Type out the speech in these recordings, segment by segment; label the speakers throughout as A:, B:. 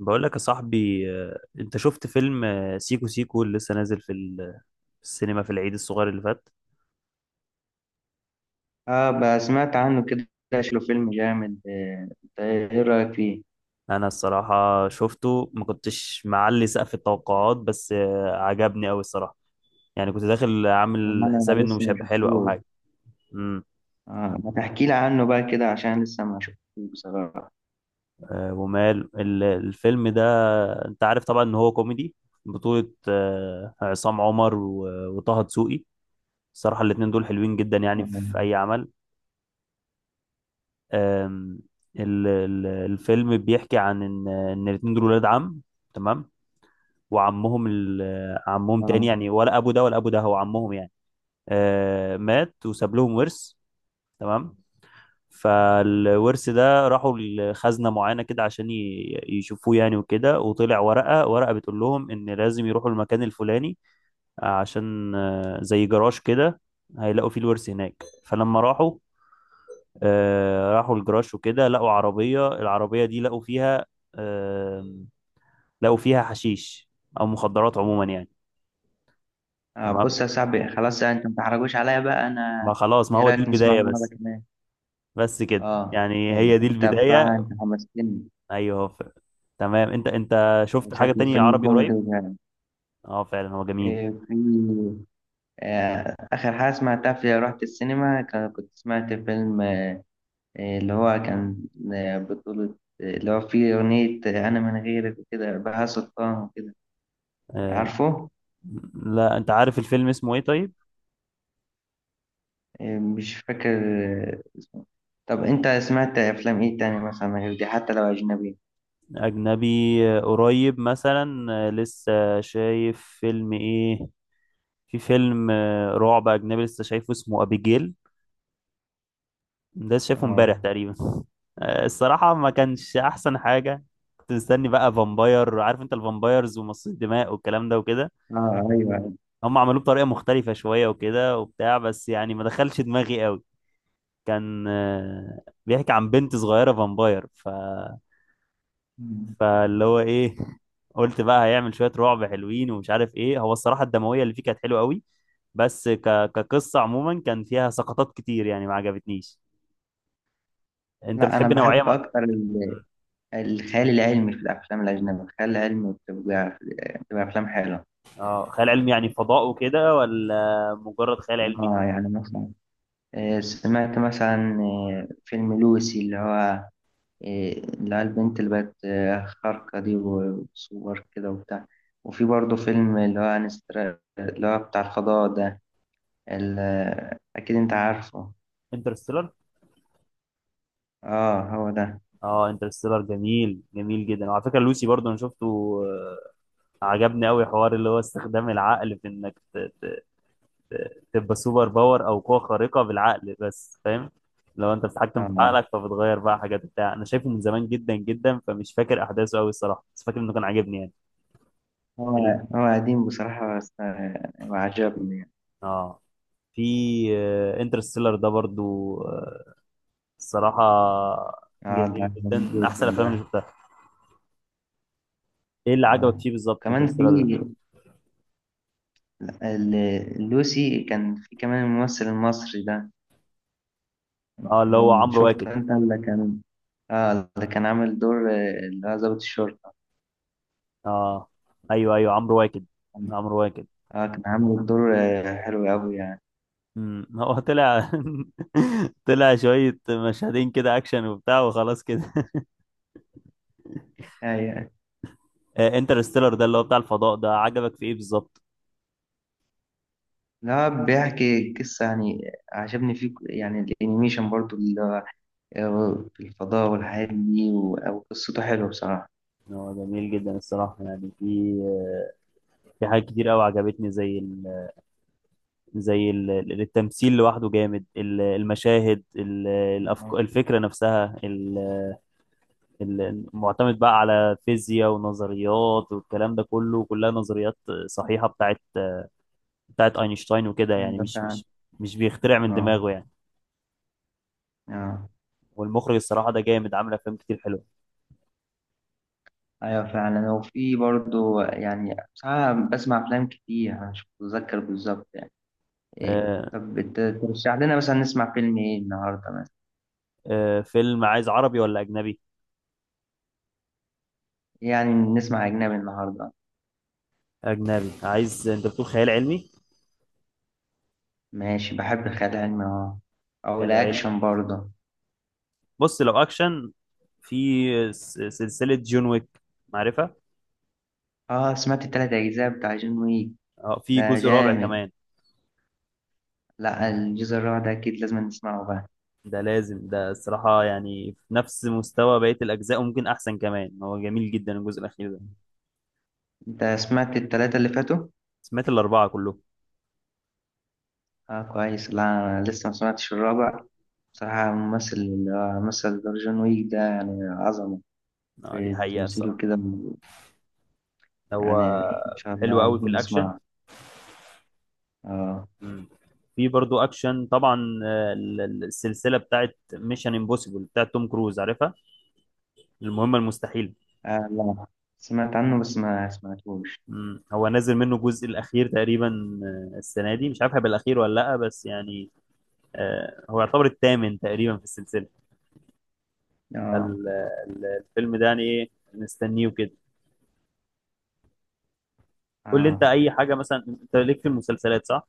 A: بقول لك يا صاحبي انت شفت فيلم سيكو سيكو اللي لسه نازل في السينما في العيد الصغير اللي فات.
B: اه، بقى سمعت عنه كده. شكله فيلم جامد. انت ايه رأيك فيه؟
A: انا الصراحة شفته ما كنتش معلي سقف التوقعات، بس عجبني قوي الصراحة. يعني كنت داخل عامل
B: انا
A: حسابي انه
B: لسه
A: مش
B: ما
A: هيبقى حلو او
B: شفتوش.
A: حاجة. امم
B: اه، ما تحكي لي عنه بقى كده عشان لسه ما شفتوش بصراحة.
A: ومال الفيلم ده، انت عارف طبعا ان هو كوميدي، بطولة عصام عمر وطه دسوقي. الصراحة الاتنين دول حلوين جدا يعني في
B: اه.
A: اي عمل. آم، الفيلم بيحكي عن ان الاتنين دول ولاد عم، تمام، وعمهم عمهم تاني
B: اه.
A: يعني، ولا ابو ده ولا ابو ده هو عمهم يعني. مات وساب لهم ورث، تمام. فالورث ده راحوا لخزنة معينة كده عشان يشوفوه يعني وكده، وطلع ورقة، ورقة بتقول لهم ان لازم يروحوا المكان الفلاني، عشان زي جراج كده هيلاقوا فيه الورث هناك. فلما راحوا، راحوا الجراج وكده، لقوا عربية، العربية دي لقوا فيها، آم، لقوا فيها حشيش أو مخدرات عموما يعني. تمام،
B: بص يا صاحبي، خلاص انت ما تحرجوش عليا بقى.
A: ما
B: انا
A: خلاص، ما
B: ايه
A: هو
B: رأيك
A: دي
B: نسمعه
A: البداية
B: مرة
A: بس.
B: كمان؟
A: بس كده
B: اه.
A: يعني
B: إيه،
A: هي دي
B: انت بقى
A: البداية.
B: انت حمستني.
A: أيوه ف... تمام. أنت شفت حاجة
B: شكله
A: تانية
B: فيلم
A: عربي
B: كوميدي
A: قريب؟
B: وجامد.
A: أه فعلا، هو جميل.
B: إيه، في آخر حاجة سمعتها، في رحت السينما كنت سمعت فيلم، اللي هو كان بطولة، اللي هو فيه أغنية، أنا من غيرك وكده، بهاء سلطان وكده.
A: آه،
B: عارفه؟
A: لا، أنت عارف الفيلم اسمه إيه طيب؟
B: مش فاكر اسمه. طب أنت سمعت أفلام إيه تاني مثلا غير دي، حتى لو أجنبي؟
A: أجنبي. قريب مثلا، لسه شايف فيلم إيه؟ في فيلم رعب أجنبي لسه شايفه اسمه أبيجيل. ده شايفه
B: آه.
A: امبارح تقريبا. الصراحة ما كانش أحسن حاجة. كنت مستني بقى فامباير، عارف أنت الفامبايرز ومصاص الدماء والكلام ده وكده.
B: آه أيوه.
A: هم عملوه بطريقة مختلفة شوية وكده وبتاع، بس يعني ما دخلش دماغي قوي. كان بيحكي عن بنت صغيرة فامباير، ف
B: مم.
A: فاللي هو إيه قلت بقى هيعمل شوية رعب حلوين ومش عارف إيه. هو الصراحة الدموية اللي فيه كانت حلوة قوي، بس كقصة عموما كان فيها سقطات كتير يعني ما عجبتنيش. أنت
B: لا، أنا
A: بتحب نوعية
B: بحب
A: مع...
B: أكتر الخيال العلمي في الأفلام الأجنبية. الخيال العلمي بتبقى أفلام حلوة.
A: اه، خيال علمي يعني فضاء وكده ولا مجرد خيال علمي؟
B: آه يعني مثلا، سمعت مثلا فيلم لوسي، اللي هو إيه، اللي هي البنت اللي بقت خارقة دي، وسوبر كده وبتاع. وفي برضه فيلم اللي هو انستر، اللي هو بتاع الفضاء ده. أكيد أنت عارفه.
A: انترستيلر.
B: اه هو ده.
A: اه، انترستيلر جميل، جميل جدا. وعلى فكره لوسي برضو انا شفته. آه، عجبني قوي، حوار اللي هو استخدام العقل في انك تبقى سوبر باور او قوه خارقه بالعقل بس، فاهم؟ لو انت بتتحكم في
B: اه.
A: عقلك فبتغير بقى حاجات بتاع انا شايفه من زمان جدا جدا، فمش فاكر احداثه قوي الصراحه، بس فاكر انه كان عاجبني يعني.
B: هو
A: ال...
B: هو قديم بصراحة بس وعجبني يعني.
A: اه. في انترستيلر ده برضو، الصراحة
B: اه، ده
A: جميل جدا،
B: عجبني
A: من
B: جدا
A: أحسن الأفلام اللي
B: ده.
A: شفتها. إيه اللي عجبك
B: اه،
A: فيه بالظبط
B: كمان في
A: انترستيلر ده؟
B: لوسي كان في كمان الممثل المصري ده.
A: أه، اللي هو
B: كان
A: عمرو
B: شفت
A: واكد.
B: انت اللي كان، اه، اللي كان عامل دور اللي هو ضابط الشرطة.
A: أه، أيوه أيوه، عمرو واكد، عمرو واكد.
B: اه، كان عامل الدور حلو قوي يعني.
A: امم، هو طلع طلع شوية مشهدين كده أكشن وبتاع، وخلاص كده.
B: أيوة.
A: انترستيلر ده اللي هو بتاع الفضاء ده عجبك في إيه بالظبط؟
B: لا، بيحكي قصة يعني. عجبني فيه يعني الانيميشن برضو، اللي هو في الفضاء والحاجات دي، أو قصته حلوة بصراحة.
A: هو جميل جدا الصراحة يعني. في في حاجات كتير قوي عجبتني، زي التمثيل لوحده جامد، المشاهد،
B: آه،
A: الفكرة نفسها، معتمد بقى على فيزياء ونظريات والكلام ده كله، كلها نظريات صحيحة بتاعت، بتاعت أينشتاين وكده، يعني
B: أيوة فعلا.
A: مش بيخترع من
B: اه.
A: دماغه يعني.
B: اه
A: والمخرج الصراحة ده جامد، عامل أفلام كتير حلوة.
B: أيوة فعلا. وفي برضو يعني، بصراحة بسمع أفلام كتير أنا، مش متذكر بالظبط يعني. إيه،
A: آه.
B: طب ترشح لنا مثلا نسمع فيلم إيه النهاردة مثلا؟
A: فيلم عايز عربي ولا أجنبي؟
B: يعني نسمع أجنبي النهاردة.
A: أجنبي عايز. أنت بتقول خيال علمي؟
B: ماشي، بحب الخيال العلمي، اه، أو
A: خيال علمي.
B: الأكشن برضه.
A: بص، لو أكشن، في سلسلة جون ويك، معرفة؟
B: اه، سمعت التلات أجزاء بتاع جون ويك.
A: اه، في
B: ده
A: جزء رابع
B: جامد.
A: كمان،
B: لا، الجزء الرابع ده أكيد لازم نسمعه بقى.
A: ده لازم، ده الصراحة يعني في نفس مستوى بقية الأجزاء وممكن أحسن كمان، هو جميل جدا الجزء الأخير ده.
B: أنت سمعت التلاتة اللي فاتوا؟
A: سمعت الأربعة كلهم.
B: اه كويس. لا أنا لسه ما سمعتش الرابع. بصراحة الممثل اللي هو مثل دور جون ويك ده، يعني عظمة
A: آه، دي
B: في
A: حقيقة
B: تمثيله
A: الصراحة.
B: كده
A: هو
B: يعني. إن شاء
A: حلو
B: الله
A: قوي
B: لازم
A: في الأكشن.
B: نسمعه. اه.
A: مم. في برضو أكشن طبعا، السلسلة بتاعت ميشن امبوسيبل بتاعت توم كروز، عارفها؟ المهمة المستحيلة.
B: لا، سمعت عنه بس ما سمعتهوش.
A: مم. هو نازل منه الجزء الأخير تقريبا، السنة دي، مش عارف هيبقى الأخير ولا لأ بس يعني، هو يعتبر الثامن تقريبا في السلسلة.
B: اه.
A: ال- الفيلم ده يعني إيه، نستنيه كده. قول لي انت
B: اه.
A: اي حاجه مثلا، انت ليك في المسلسلات صح؟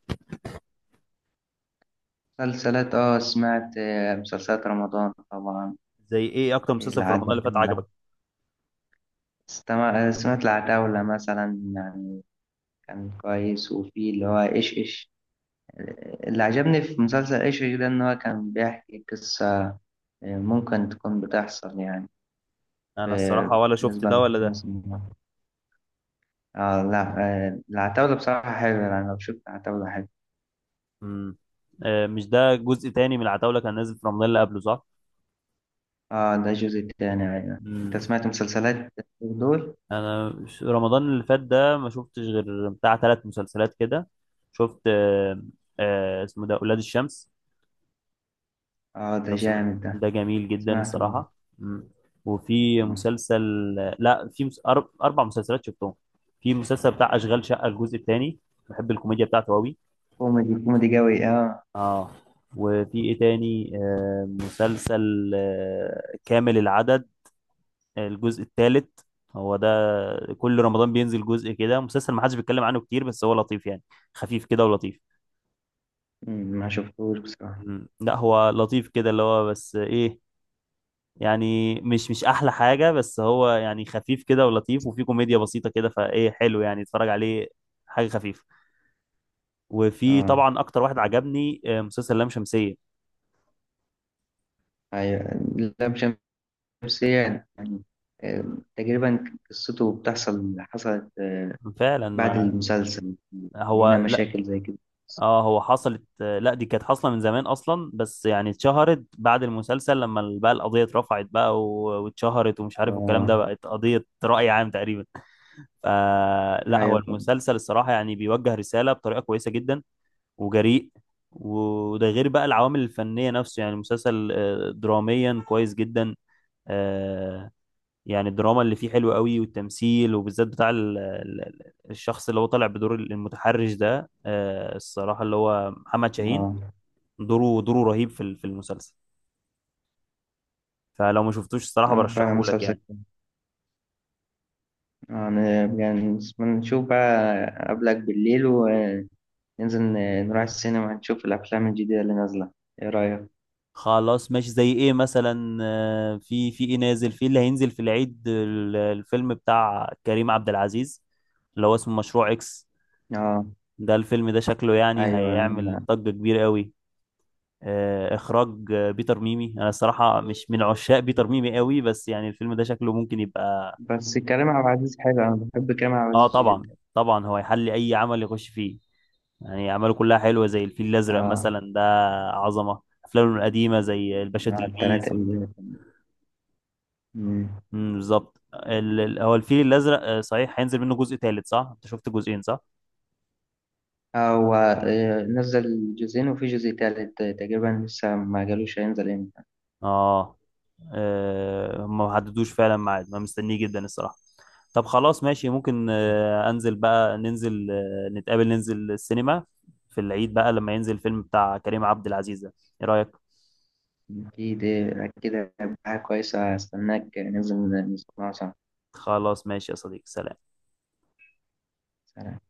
B: مسلسلات، اه سمعت مسلسلات رمضان طبعا.
A: زي ايه، اكتر مسلسل في رمضان اللي فات
B: العتاولة.
A: عجبك؟
B: سمعت العتاولة مثلا يعني. كان كويس. وفي اللي هو إيش إيش. اللي عجبني في مسلسل إيش إيش ده إن هو كان بيحكي قصة ممكن تكون بتحصل يعني،
A: انا
B: في-
A: الصراحه ولا شفت ده
B: بالنسبة
A: ولا ده.
B: لمصر. آه لا، العتاولة بصراحة حلوة يعني. لو شفت العتاولة حلوة.
A: امم. آه مش ده جزء تاني من العتاوله كان نازل في رمضان اللي قبله صح؟
B: آه، ده الجزء التاني. أيوة، أنت
A: امم.
B: سمعت مسلسلات دول؟
A: انا مش، رمضان اللي فات ده ما شفتش غير بتاع ثلاث مسلسلات كده. شفت آه، آه اسمه ده اولاد الشمس،
B: آه، ده
A: لو سمعت
B: جامد ده.
A: ده جميل جدا
B: سمعته.
A: الصراحه. امم. وفي
B: آه.
A: مسلسل، لا في اربع مسلسلات شفتهم. في مسلسل بتاع اشغال شقه الجزء الثاني، بحب الكوميديا بتاعته قوي.
B: كوميدي، كوميدي قوي، آه.
A: اه. وفي ايه تاني، آه مسلسل آه كامل العدد الجزء الثالث، هو ده. كل رمضان بينزل جزء كده، مسلسل ما حدش بيتكلم عنه كتير بس هو لطيف يعني، خفيف كده ولطيف.
B: مم، ما شفتوش بصراحة.
A: مم. لا هو لطيف كده، اللي هو بس ايه، يعني مش مش احلى حاجة، بس هو يعني خفيف كده ولطيف، وفي كوميديا بسيطة كده، فايه حلو يعني اتفرج عليه حاجة خفيفة. وفي
B: آه.
A: طبعا اكتر واحد عجبني مسلسل لام شمسية.
B: أيوة. لا. نفسيا يعني. آم، تقريبا. قصته بتحصل، حصلت
A: فعلا،
B: بعد
A: ما
B: المسلسل
A: هو،
B: اللي هنا، مشاكل زي كده.
A: اه هو حصلت لا دي كانت حاصله من زمان اصلا، بس يعني اتشهرت بعد المسلسل لما بقى القضيه اترفعت بقى واتشهرت ومش عارف والكلام
B: اه
A: ده، بقت قضيه راي عام تقريبا. فلا، هو
B: ايوه فعلا.
A: المسلسل الصراحه يعني بيوجه رساله بطريقه كويسه جدا، وجريء. وده غير بقى العوامل الفنيه نفسه، يعني المسلسل دراميا كويس جدا، آه، يعني الدراما اللي فيه حلوه قوي، والتمثيل وبالذات بتاع الشخص اللي هو طالع بدور المتحرش ده، الصراحه اللي هو محمد شاهين،
B: اه.
A: دوره رهيب في في المسلسل. فلو ما شفتوش الصراحة
B: نعم فعلا،
A: برشحه لك
B: مسلسل
A: يعني.
B: كده. أنا- يعني نشوف بقى قبلك بالليل، وننزل نروح السينما، نشوف الأفلام الجديدة اللي نازلة. إيه رأيك؟
A: خلاص ماشي، زي ايه مثلا، في في ايه نازل، في اللي هينزل في العيد الفيلم بتاع كريم عبد العزيز اللي هو اسمه مشروع اكس.
B: اه.
A: ده الفيلم ده شكله يعني
B: أيوة.
A: هيعمل ضجة كبيرة قوي. اخراج بيتر ميمي، انا الصراحة مش من عشاق بيتر ميمي قوي، بس يعني الفيلم ده شكله ممكن يبقى.
B: بس كريم عبد العزيز حلو، أنا بحب كريم عبد
A: اه
B: العزيز
A: طبعا
B: جدا.
A: طبعا، هو يحل اي عمل يخش فيه، يعني أعماله كلها حلوة زي الفيل الأزرق
B: اه.
A: مثلا ده، عظمة. أفلامه القديمة زي الباشا تلميذ
B: التلاتة اللي مم.
A: مم، بالظبط. هو الفيل الأزرق صحيح هينزل منه جزء تالت صح؟ أنت شفت جزئين صح؟
B: هو نزل جزئين، وفي جزء تالت تقريبا، لسه ما قالوش هينزل امتى.
A: آه. هم ما حددوش فعلا ميعاد، ما مستنيه جدا الصراحة. طب خلاص ماشي، ممكن أنزل بقى، ننزل نتقابل، ننزل السينما في العيد بقى لما ينزل الفيلم بتاع كريم عبد العزيز ده. إيه رأيك؟
B: أكيد أكيد هيبقى حاجة كويسة. هستناك ننزل نسمعه سوا.
A: خلاص ماشي يا صديقي، سلام.
B: سلام.